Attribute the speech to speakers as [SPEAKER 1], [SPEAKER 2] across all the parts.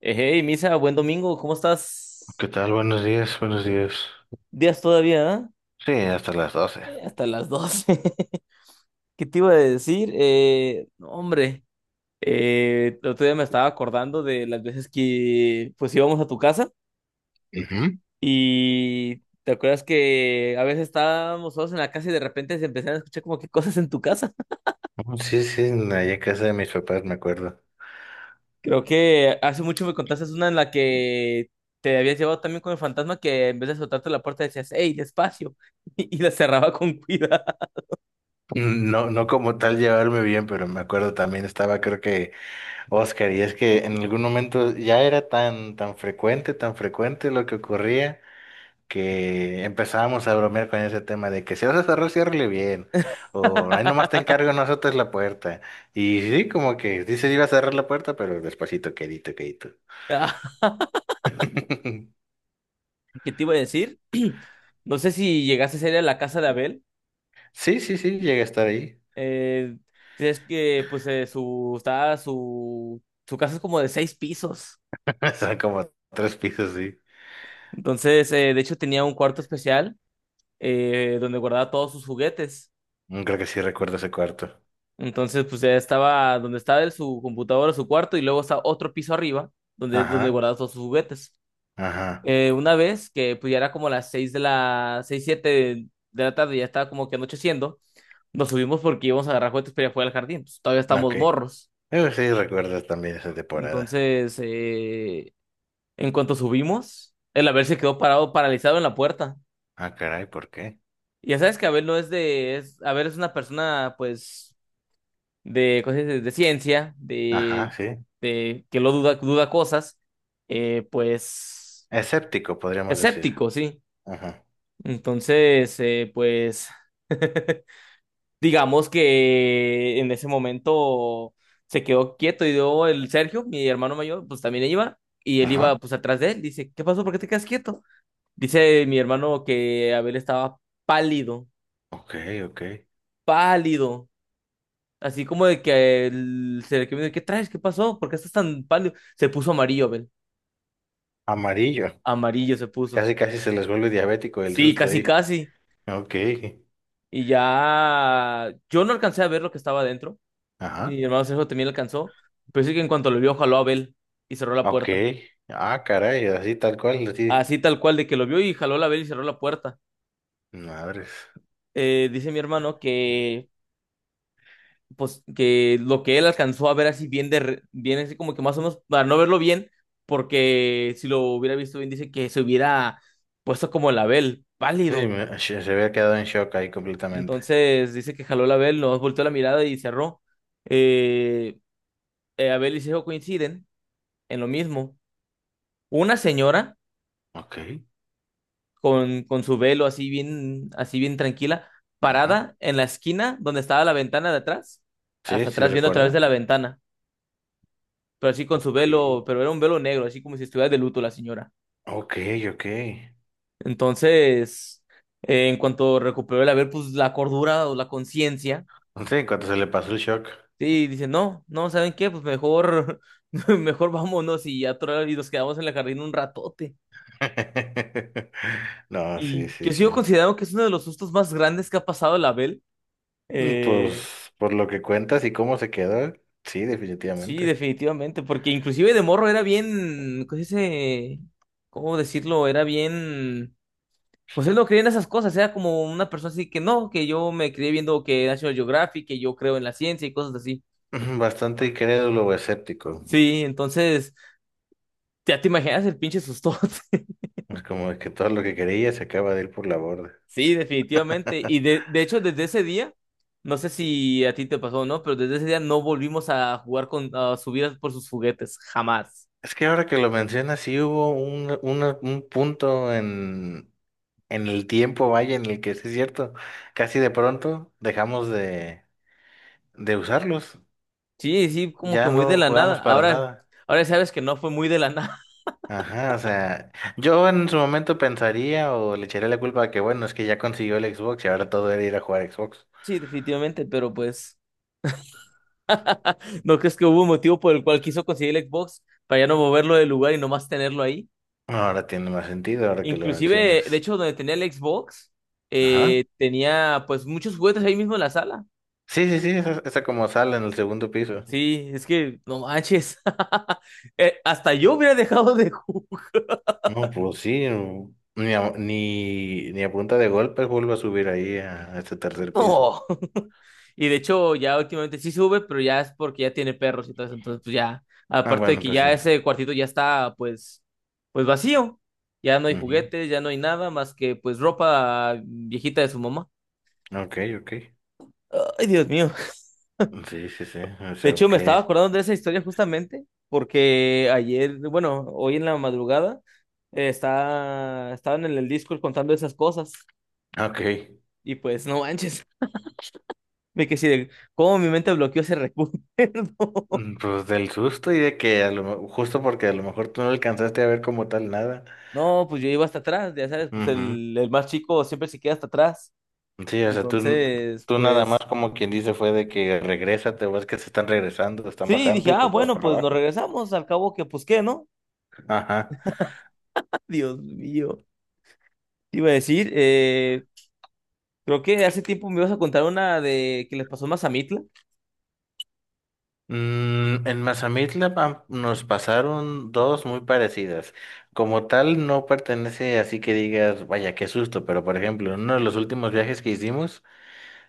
[SPEAKER 1] Hey, Misa, buen domingo, ¿cómo estás?
[SPEAKER 2] ¿Qué tal? Buenos días, buenos días.
[SPEAKER 1] Días todavía, ¿ah?
[SPEAKER 2] Sí, hasta las 12.
[SPEAKER 1] Hasta las 12. ¿Qué te iba a decir? No, hombre, el otro día me estaba acordando de las veces que pues íbamos a tu casa
[SPEAKER 2] Ujú.
[SPEAKER 1] y ¿te acuerdas que a veces estábamos solos en la casa y de repente se empezaron a escuchar como que cosas en tu casa?
[SPEAKER 2] Sí, sí, allá en casa de mis papás me acuerdo.
[SPEAKER 1] Creo que hace mucho me contaste una en la que te habías llevado también con el fantasma que en vez de soltarte la puerta decías, hey, despacio, y la cerraba con cuidado.
[SPEAKER 2] No, no como tal llevarme bien, pero me acuerdo también estaba creo que Oscar y es que en algún momento ya era tan frecuente, tan frecuente lo que ocurría que empezábamos a bromear con ese tema de que si vas a cerrar, ciérrale bien o ahí nomás te encargo, no azotes la puerta. Y sí, como que dice iba a cerrar la puerta, pero despacito, quedito, quedito.
[SPEAKER 1] Ah, ¿qué te iba a decir? No sé si llegaste a ir a la casa de Abel.
[SPEAKER 2] Sí, sí, sí, llegué a estar ahí.
[SPEAKER 1] Eh, si es que, pues, su, está, Su casa es como de seis pisos.
[SPEAKER 2] Son como tres pisos, sí.
[SPEAKER 1] Entonces, de hecho, tenía un cuarto especial donde guardaba todos sus juguetes.
[SPEAKER 2] Creo que sí recuerdo ese cuarto.
[SPEAKER 1] Entonces, pues, ya estaba donde estaba su computadora, su cuarto, y luego está otro piso arriba donde,
[SPEAKER 2] Ajá,
[SPEAKER 1] guardaba todos sus juguetes.
[SPEAKER 2] ajá,
[SPEAKER 1] Una vez que pues, ya era como las 6 6 7 de la tarde, ya estaba como que anocheciendo, nos subimos porque íbamos a agarrar juguetes para ir a jugar al jardín, pues, todavía
[SPEAKER 2] ok.
[SPEAKER 1] estamos morros.
[SPEAKER 2] Sí recuerdo también esa temporada.
[SPEAKER 1] Entonces, en cuanto subimos, el Abel se quedó parado, paralizado en la puerta.
[SPEAKER 2] Ah, caray, ¿por qué?
[SPEAKER 1] Y ya sabes que Abel no es de, es, Abel es una persona pues de cosas de ciencia,
[SPEAKER 2] Ajá, sí.
[SPEAKER 1] de que lo duda, duda cosas, eh, pues
[SPEAKER 2] Escéptico, podríamos decir.
[SPEAKER 1] escéptico, sí.
[SPEAKER 2] Ajá,
[SPEAKER 1] Entonces, pues... digamos que en ese momento se quedó quieto y dio el Sergio, mi hermano mayor, pues también iba y él
[SPEAKER 2] ajá,
[SPEAKER 1] iba pues atrás de él. Dice, ¿qué pasó? ¿Por qué te quedas quieto? Dice mi hermano que Abel estaba pálido,
[SPEAKER 2] ok, ok.
[SPEAKER 1] pálido. Así como de que el Sergio me dijo, ¿qué traes? ¿Qué pasó? ¿Por qué estás tan pálido? Se puso amarillo, Abel.
[SPEAKER 2] Amarillo.
[SPEAKER 1] Amarillo se puso.
[SPEAKER 2] Casi, casi se les vuelve diabético el
[SPEAKER 1] Sí,
[SPEAKER 2] susto
[SPEAKER 1] casi,
[SPEAKER 2] ahí.
[SPEAKER 1] casi.
[SPEAKER 2] Ok,
[SPEAKER 1] Y ya yo no alcancé a ver lo que estaba adentro. Mi
[SPEAKER 2] ajá,
[SPEAKER 1] hermano Sergio también alcanzó. Pero sí que en cuanto lo vio, jaló a Abel y cerró la
[SPEAKER 2] ok.
[SPEAKER 1] puerta.
[SPEAKER 2] Ah, caray, así tal cual, así.
[SPEAKER 1] Así tal cual, de que lo vio y jaló la vela y cerró la puerta.
[SPEAKER 2] Madres.
[SPEAKER 1] Dice mi hermano que, pues, que lo que él alcanzó a ver así bien, bien así como que más o menos, para no verlo bien, porque si lo hubiera visto bien, dice que se hubiera puesto como el Abel,
[SPEAKER 2] Sí,
[SPEAKER 1] pálido.
[SPEAKER 2] se se había quedado en shock ahí completamente.
[SPEAKER 1] Entonces dice que jaló el Abel, nos volteó la mirada y cerró. Eh, Abel y Sejo coinciden en lo mismo. Una señora
[SPEAKER 2] Ok,
[SPEAKER 1] con su velo así bien tranquila,
[SPEAKER 2] ajá.
[SPEAKER 1] parada en la esquina donde estaba la ventana de atrás,
[SPEAKER 2] Sí,
[SPEAKER 1] hasta
[SPEAKER 2] sí
[SPEAKER 1] atrás viendo a través de
[SPEAKER 2] recuerdo.
[SPEAKER 1] la ventana, pero así con su
[SPEAKER 2] Ok,
[SPEAKER 1] velo, pero era un velo negro, así como si estuviera de luto la señora.
[SPEAKER 2] ok, ok.
[SPEAKER 1] Entonces, en cuanto recuperó el haber, pues la cordura o la conciencia,
[SPEAKER 2] Sí, en cuanto se le pasó el shock.
[SPEAKER 1] sí, dice, no, no, ¿saben qué? Pues mejor, mejor vámonos y ya nos quedamos en el jardín un ratote.
[SPEAKER 2] No, sí,
[SPEAKER 1] Y
[SPEAKER 2] sí,
[SPEAKER 1] yo sigo
[SPEAKER 2] sí.
[SPEAKER 1] considerando que es uno de los sustos más grandes que ha pasado la Abel.
[SPEAKER 2] Pues por lo que cuentas y cómo se quedó, sí,
[SPEAKER 1] Sí,
[SPEAKER 2] definitivamente.
[SPEAKER 1] definitivamente, porque inclusive de morro era bien, ¿cómo se dice? ¿Cómo decirlo? Era bien, pues él no creía en esas cosas, era como una persona así que no, que yo me crié viendo que National Geographic, que yo creo en la ciencia y cosas así.
[SPEAKER 2] Ujú. Bastante incrédulo o escéptico.
[SPEAKER 1] Sí, entonces, ya te imaginas el pinche sustote.
[SPEAKER 2] Es como que todo lo que quería se acaba de ir por la borda.
[SPEAKER 1] Sí, definitivamente. De hecho, desde ese día, no sé si a ti te pasó o no, pero desde ese día no volvimos a jugar con, a subir por sus juguetes, jamás.
[SPEAKER 2] Es que ahora que lo mencionas, sí hubo un punto en el tiempo, vaya, en el que sí es cierto, casi de pronto dejamos de usarlos.
[SPEAKER 1] Sí, sí, como que
[SPEAKER 2] Ya
[SPEAKER 1] muy de
[SPEAKER 2] no
[SPEAKER 1] la nada.
[SPEAKER 2] jugamos para
[SPEAKER 1] Ahora,
[SPEAKER 2] nada.
[SPEAKER 1] ahora sabes que no fue muy de la nada.
[SPEAKER 2] Ajá, o sea, yo en su momento pensaría o le echaría la culpa a que, bueno, es que ya consiguió el Xbox y ahora todo era ir a jugar a Xbox.
[SPEAKER 1] Sí, definitivamente, pero pues, ¿no crees que hubo un motivo por el cual quiso conseguir el Xbox para ya no moverlo del lugar y nomás tenerlo ahí?
[SPEAKER 2] Ahora tiene más sentido, ahora que lo
[SPEAKER 1] Inclusive, de
[SPEAKER 2] mencionas.
[SPEAKER 1] hecho, donde tenía el Xbox,
[SPEAKER 2] Ajá.
[SPEAKER 1] tenía pues muchos juguetes ahí mismo en la sala.
[SPEAKER 2] Sí, sí, sí, esa como sala en el segundo piso.
[SPEAKER 1] Sí, es que no manches. Hasta yo hubiera dejado de jugar.
[SPEAKER 2] No, pues sí, no. Ni ni a punta de golpes vuelvo a subir ahí a este tercer piso.
[SPEAKER 1] No. Y de hecho, ya últimamente sí sube, pero ya es porque ya tiene perros y todo eso. Entonces, pues ya,
[SPEAKER 2] Ah,
[SPEAKER 1] aparte de
[SPEAKER 2] bueno,
[SPEAKER 1] que
[SPEAKER 2] pues sí.
[SPEAKER 1] ya ese cuartito ya está, pues, pues vacío. Ya no hay
[SPEAKER 2] Ujú.
[SPEAKER 1] juguetes, ya no hay nada más que, pues, ropa viejita de su mamá.
[SPEAKER 2] Ok, ok.
[SPEAKER 1] Ay, Dios mío.
[SPEAKER 2] Sí, sí, sí. O
[SPEAKER 1] De
[SPEAKER 2] sea,
[SPEAKER 1] hecho, me
[SPEAKER 2] ok.
[SPEAKER 1] estaba acordando de esa historia justamente porque ayer, bueno, hoy en la madrugada, estaban en el Discord contando esas cosas.
[SPEAKER 2] Ok.
[SPEAKER 1] Y pues, no manches. Me quedé así de cómo mi mente bloqueó ese recuerdo.
[SPEAKER 2] Pues del susto y de que justo porque a lo mejor tú no alcanzaste a ver como tal nada.
[SPEAKER 1] No, pues yo iba hasta atrás, ya sabes, pues
[SPEAKER 2] Ujú.
[SPEAKER 1] el más chico siempre se queda hasta atrás.
[SPEAKER 2] Sí, o sea,
[SPEAKER 1] Entonces,
[SPEAKER 2] tú nada más
[SPEAKER 1] pues
[SPEAKER 2] como quien dice fue de que regresa, te ves que se están regresando, están
[SPEAKER 1] sí,
[SPEAKER 2] bajando
[SPEAKER 1] dije,
[SPEAKER 2] y
[SPEAKER 1] ah,
[SPEAKER 2] pues vas
[SPEAKER 1] bueno,
[SPEAKER 2] para
[SPEAKER 1] pues nos
[SPEAKER 2] abajo.
[SPEAKER 1] regresamos, al cabo que, pues qué, ¿no?
[SPEAKER 2] Ajá.
[SPEAKER 1] Dios mío. Te iba a decir, creo que hace tiempo me ibas a contar una de que les pasó más a Mitla.
[SPEAKER 2] En Mazamitla nos pasaron dos muy parecidas. Como tal no pertenece así que digas, vaya, qué susto, pero por ejemplo, en uno de los últimos viajes que hicimos,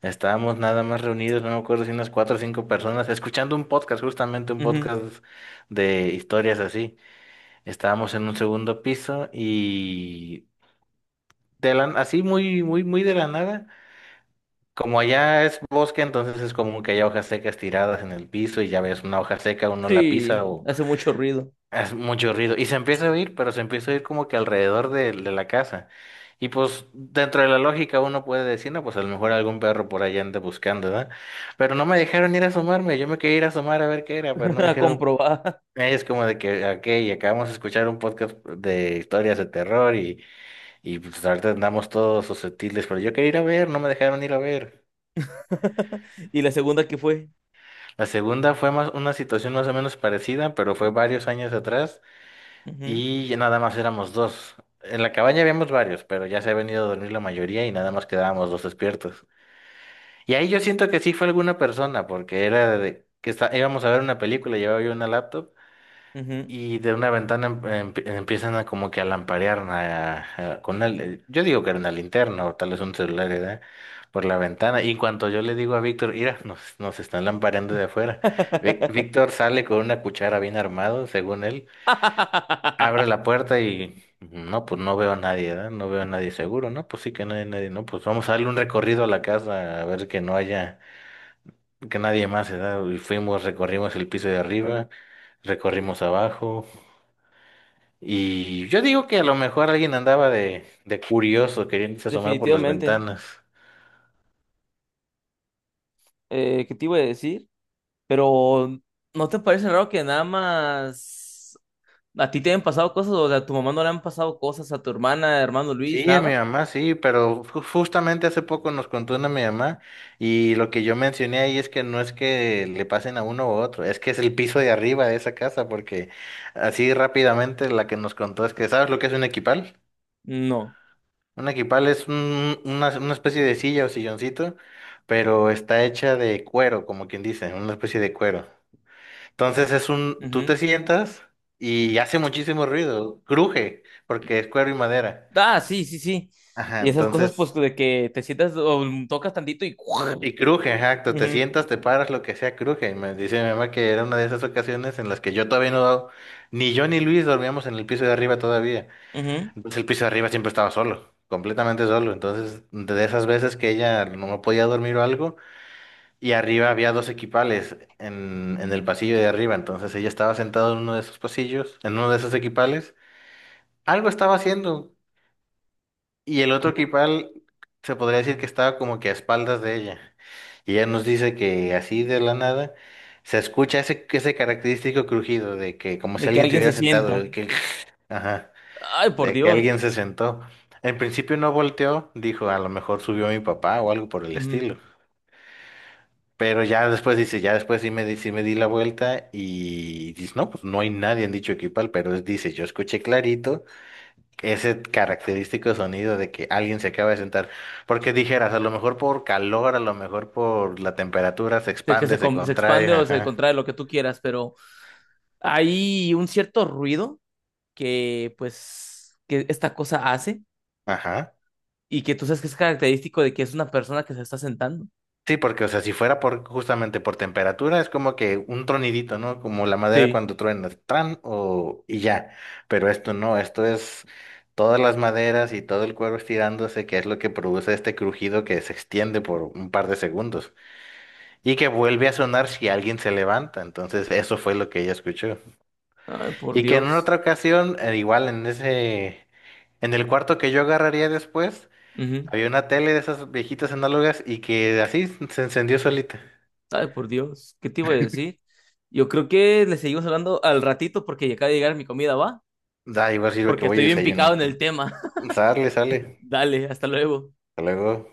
[SPEAKER 2] estábamos nada más reunidos, no me acuerdo si unas cuatro o cinco personas, escuchando un podcast, justamente un podcast de historias así. Estábamos en un segundo piso y así muy, muy, muy de la nada. Como allá es bosque, entonces es común que haya hojas secas tiradas en el piso y ya ves una hoja seca, uno la pisa.
[SPEAKER 1] Sí, hace mucho ruido,
[SPEAKER 2] Es mucho ruido. Y se empieza a oír, pero se empieza a oír como que alrededor de la casa. Y pues dentro de la lógica uno puede decir, no, pues a lo mejor algún perro por allá anda buscando, ¿verdad? Pero no me dejaron ir a asomarme. Yo me quería ir a asomar a ver qué era, pero no me dijeron,
[SPEAKER 1] comprobada.
[SPEAKER 2] es como de que, ok, acabamos de escuchar un podcast de historias de terror y pues ahorita andamos todos susceptibles, pero yo quería ir a ver, no me dejaron ir a ver.
[SPEAKER 1] Y la segunda que fue.
[SPEAKER 2] La segunda fue más una situación más o menos parecida, pero fue varios años atrás.
[SPEAKER 1] Ujú,
[SPEAKER 2] Y ya nada más éramos dos. En la cabaña habíamos varios, pero ya se ha venido a dormir la mayoría y nada más quedábamos dos despiertos. Y ahí yo siento que sí fue alguna persona, porque era de que está, íbamos a ver una película, llevaba yo una laptop
[SPEAKER 1] ujú.
[SPEAKER 2] y de una ventana empiezan a como que a lamparear con una, yo digo que era una linterna o tal vez un celular, ¿verdad? Por la ventana. Y en cuanto yo le digo a Víctor, mira, nos, nos están lampareando de afuera. Víctor sale con una cuchara bien armado, según él. Abro la puerta y no, pues no veo a nadie, ¿verdad? No veo a nadie seguro, ¿no? Pues sí que no hay nadie, ¿no? Pues vamos a darle un recorrido a la casa a ver que no haya, que nadie más, ¿verdad? Y fuimos, recorrimos el piso de arriba, recorrimos abajo y yo digo que a lo mejor alguien andaba de curioso queriendo asomar por las
[SPEAKER 1] Definitivamente.
[SPEAKER 2] ventanas.
[SPEAKER 1] ¿Qué te iba a decir? Pero, ¿no te parece raro que nada más a ti te hayan pasado cosas o a tu mamá no le han pasado cosas, a tu hermana, hermano Luis,
[SPEAKER 2] Sí, a mi
[SPEAKER 1] nada?
[SPEAKER 2] mamá, sí, pero justamente hace poco nos contó una mi mamá y lo que yo mencioné ahí es que no es que le pasen a uno u otro, es que es el piso de arriba de esa casa, porque así rápidamente la que nos contó es que, ¿sabes lo que es un equipal?
[SPEAKER 1] No.
[SPEAKER 2] Un equipal es una, una especie de silla o silloncito, pero está hecha de cuero, como quien dice, una especie de cuero. Entonces es un, tú te
[SPEAKER 1] Ujú.
[SPEAKER 2] sientas y hace muchísimo ruido, cruje, porque es cuero y madera.
[SPEAKER 1] Ah, sí, sí, sí.
[SPEAKER 2] Ajá,
[SPEAKER 1] Y esas cosas, pues,
[SPEAKER 2] entonces
[SPEAKER 1] de que te sientas o tocas tantito y... Ujú,
[SPEAKER 2] y cruje, exacto, te
[SPEAKER 1] ujú,
[SPEAKER 2] sientas, te paras, lo que sea, cruje. Y me dice mi mamá que era una de esas ocasiones en las que yo todavía no, ni yo ni Luis dormíamos en el piso de arriba todavía. Entonces el piso de arriba siempre estaba solo, completamente solo. Entonces, de esas veces que ella no podía dormir o algo, y arriba había dos equipales en el pasillo de arriba. Entonces ella estaba sentada en uno de esos pasillos, en uno de esos equipales. Algo estaba haciendo, y el otro
[SPEAKER 1] ujú.
[SPEAKER 2] equipal se podría decir que estaba como que a espaldas de ella. Y ella nos dice que así de la nada se escucha ese, ese característico crujido de que como
[SPEAKER 1] De
[SPEAKER 2] si
[SPEAKER 1] que
[SPEAKER 2] alguien te
[SPEAKER 1] alguien se
[SPEAKER 2] hubiera sentado,
[SPEAKER 1] sienta.
[SPEAKER 2] el que, ajá,
[SPEAKER 1] Ay, por
[SPEAKER 2] de que
[SPEAKER 1] Dios.
[SPEAKER 2] alguien se sentó. En principio no volteó, dijo, a lo mejor subió mi papá o algo por el
[SPEAKER 1] Ujú.
[SPEAKER 2] estilo. Pero ya después dice, ya después sí me di la vuelta y dice, no, pues no hay nadie en dicho equipal, pero dice, yo escuché clarito ese característico sonido de que alguien se acaba de sentar. Porque dijeras, a lo mejor por calor, a lo mejor por la temperatura se
[SPEAKER 1] De que se,
[SPEAKER 2] expande, se
[SPEAKER 1] com- Se
[SPEAKER 2] contrae,
[SPEAKER 1] expande o se
[SPEAKER 2] ajá,
[SPEAKER 1] contrae lo que tú quieras, pero hay un cierto ruido que, pues, que esta cosa hace,
[SPEAKER 2] ajá.
[SPEAKER 1] y que tú sabes que es característico de que es una persona que se está sentando.
[SPEAKER 2] Sí, porque, o sea, si fuera por justamente por temperatura, es como que un tronidito, ¿no? Como la madera
[SPEAKER 1] Sí.
[SPEAKER 2] cuando truena, tran o y ya. Pero esto no, esto es todas las maderas y todo el cuero estirándose, que es lo que produce este crujido que se extiende por un par de segundos y que vuelve a sonar si alguien se levanta. Entonces, eso fue lo que ella escuchó.
[SPEAKER 1] Ay, por
[SPEAKER 2] Y que en una
[SPEAKER 1] Dios.
[SPEAKER 2] otra ocasión, igual en ese, en el cuarto que yo agarraría después,
[SPEAKER 1] Ujú.
[SPEAKER 2] había una tele de esas viejitas análogas y que así se encendió solita.
[SPEAKER 1] Ay, por Dios. ¿Qué te iba a decir? Yo creo que le seguimos hablando al ratito porque ya acaba de llegar mi comida, ¿va?
[SPEAKER 2] Da, igual sirve que
[SPEAKER 1] Porque
[SPEAKER 2] voy y
[SPEAKER 1] estoy bien picado
[SPEAKER 2] desayuno.
[SPEAKER 1] en el tema.
[SPEAKER 2] Sale, sale.
[SPEAKER 1] Dale, hasta luego.
[SPEAKER 2] Hasta luego.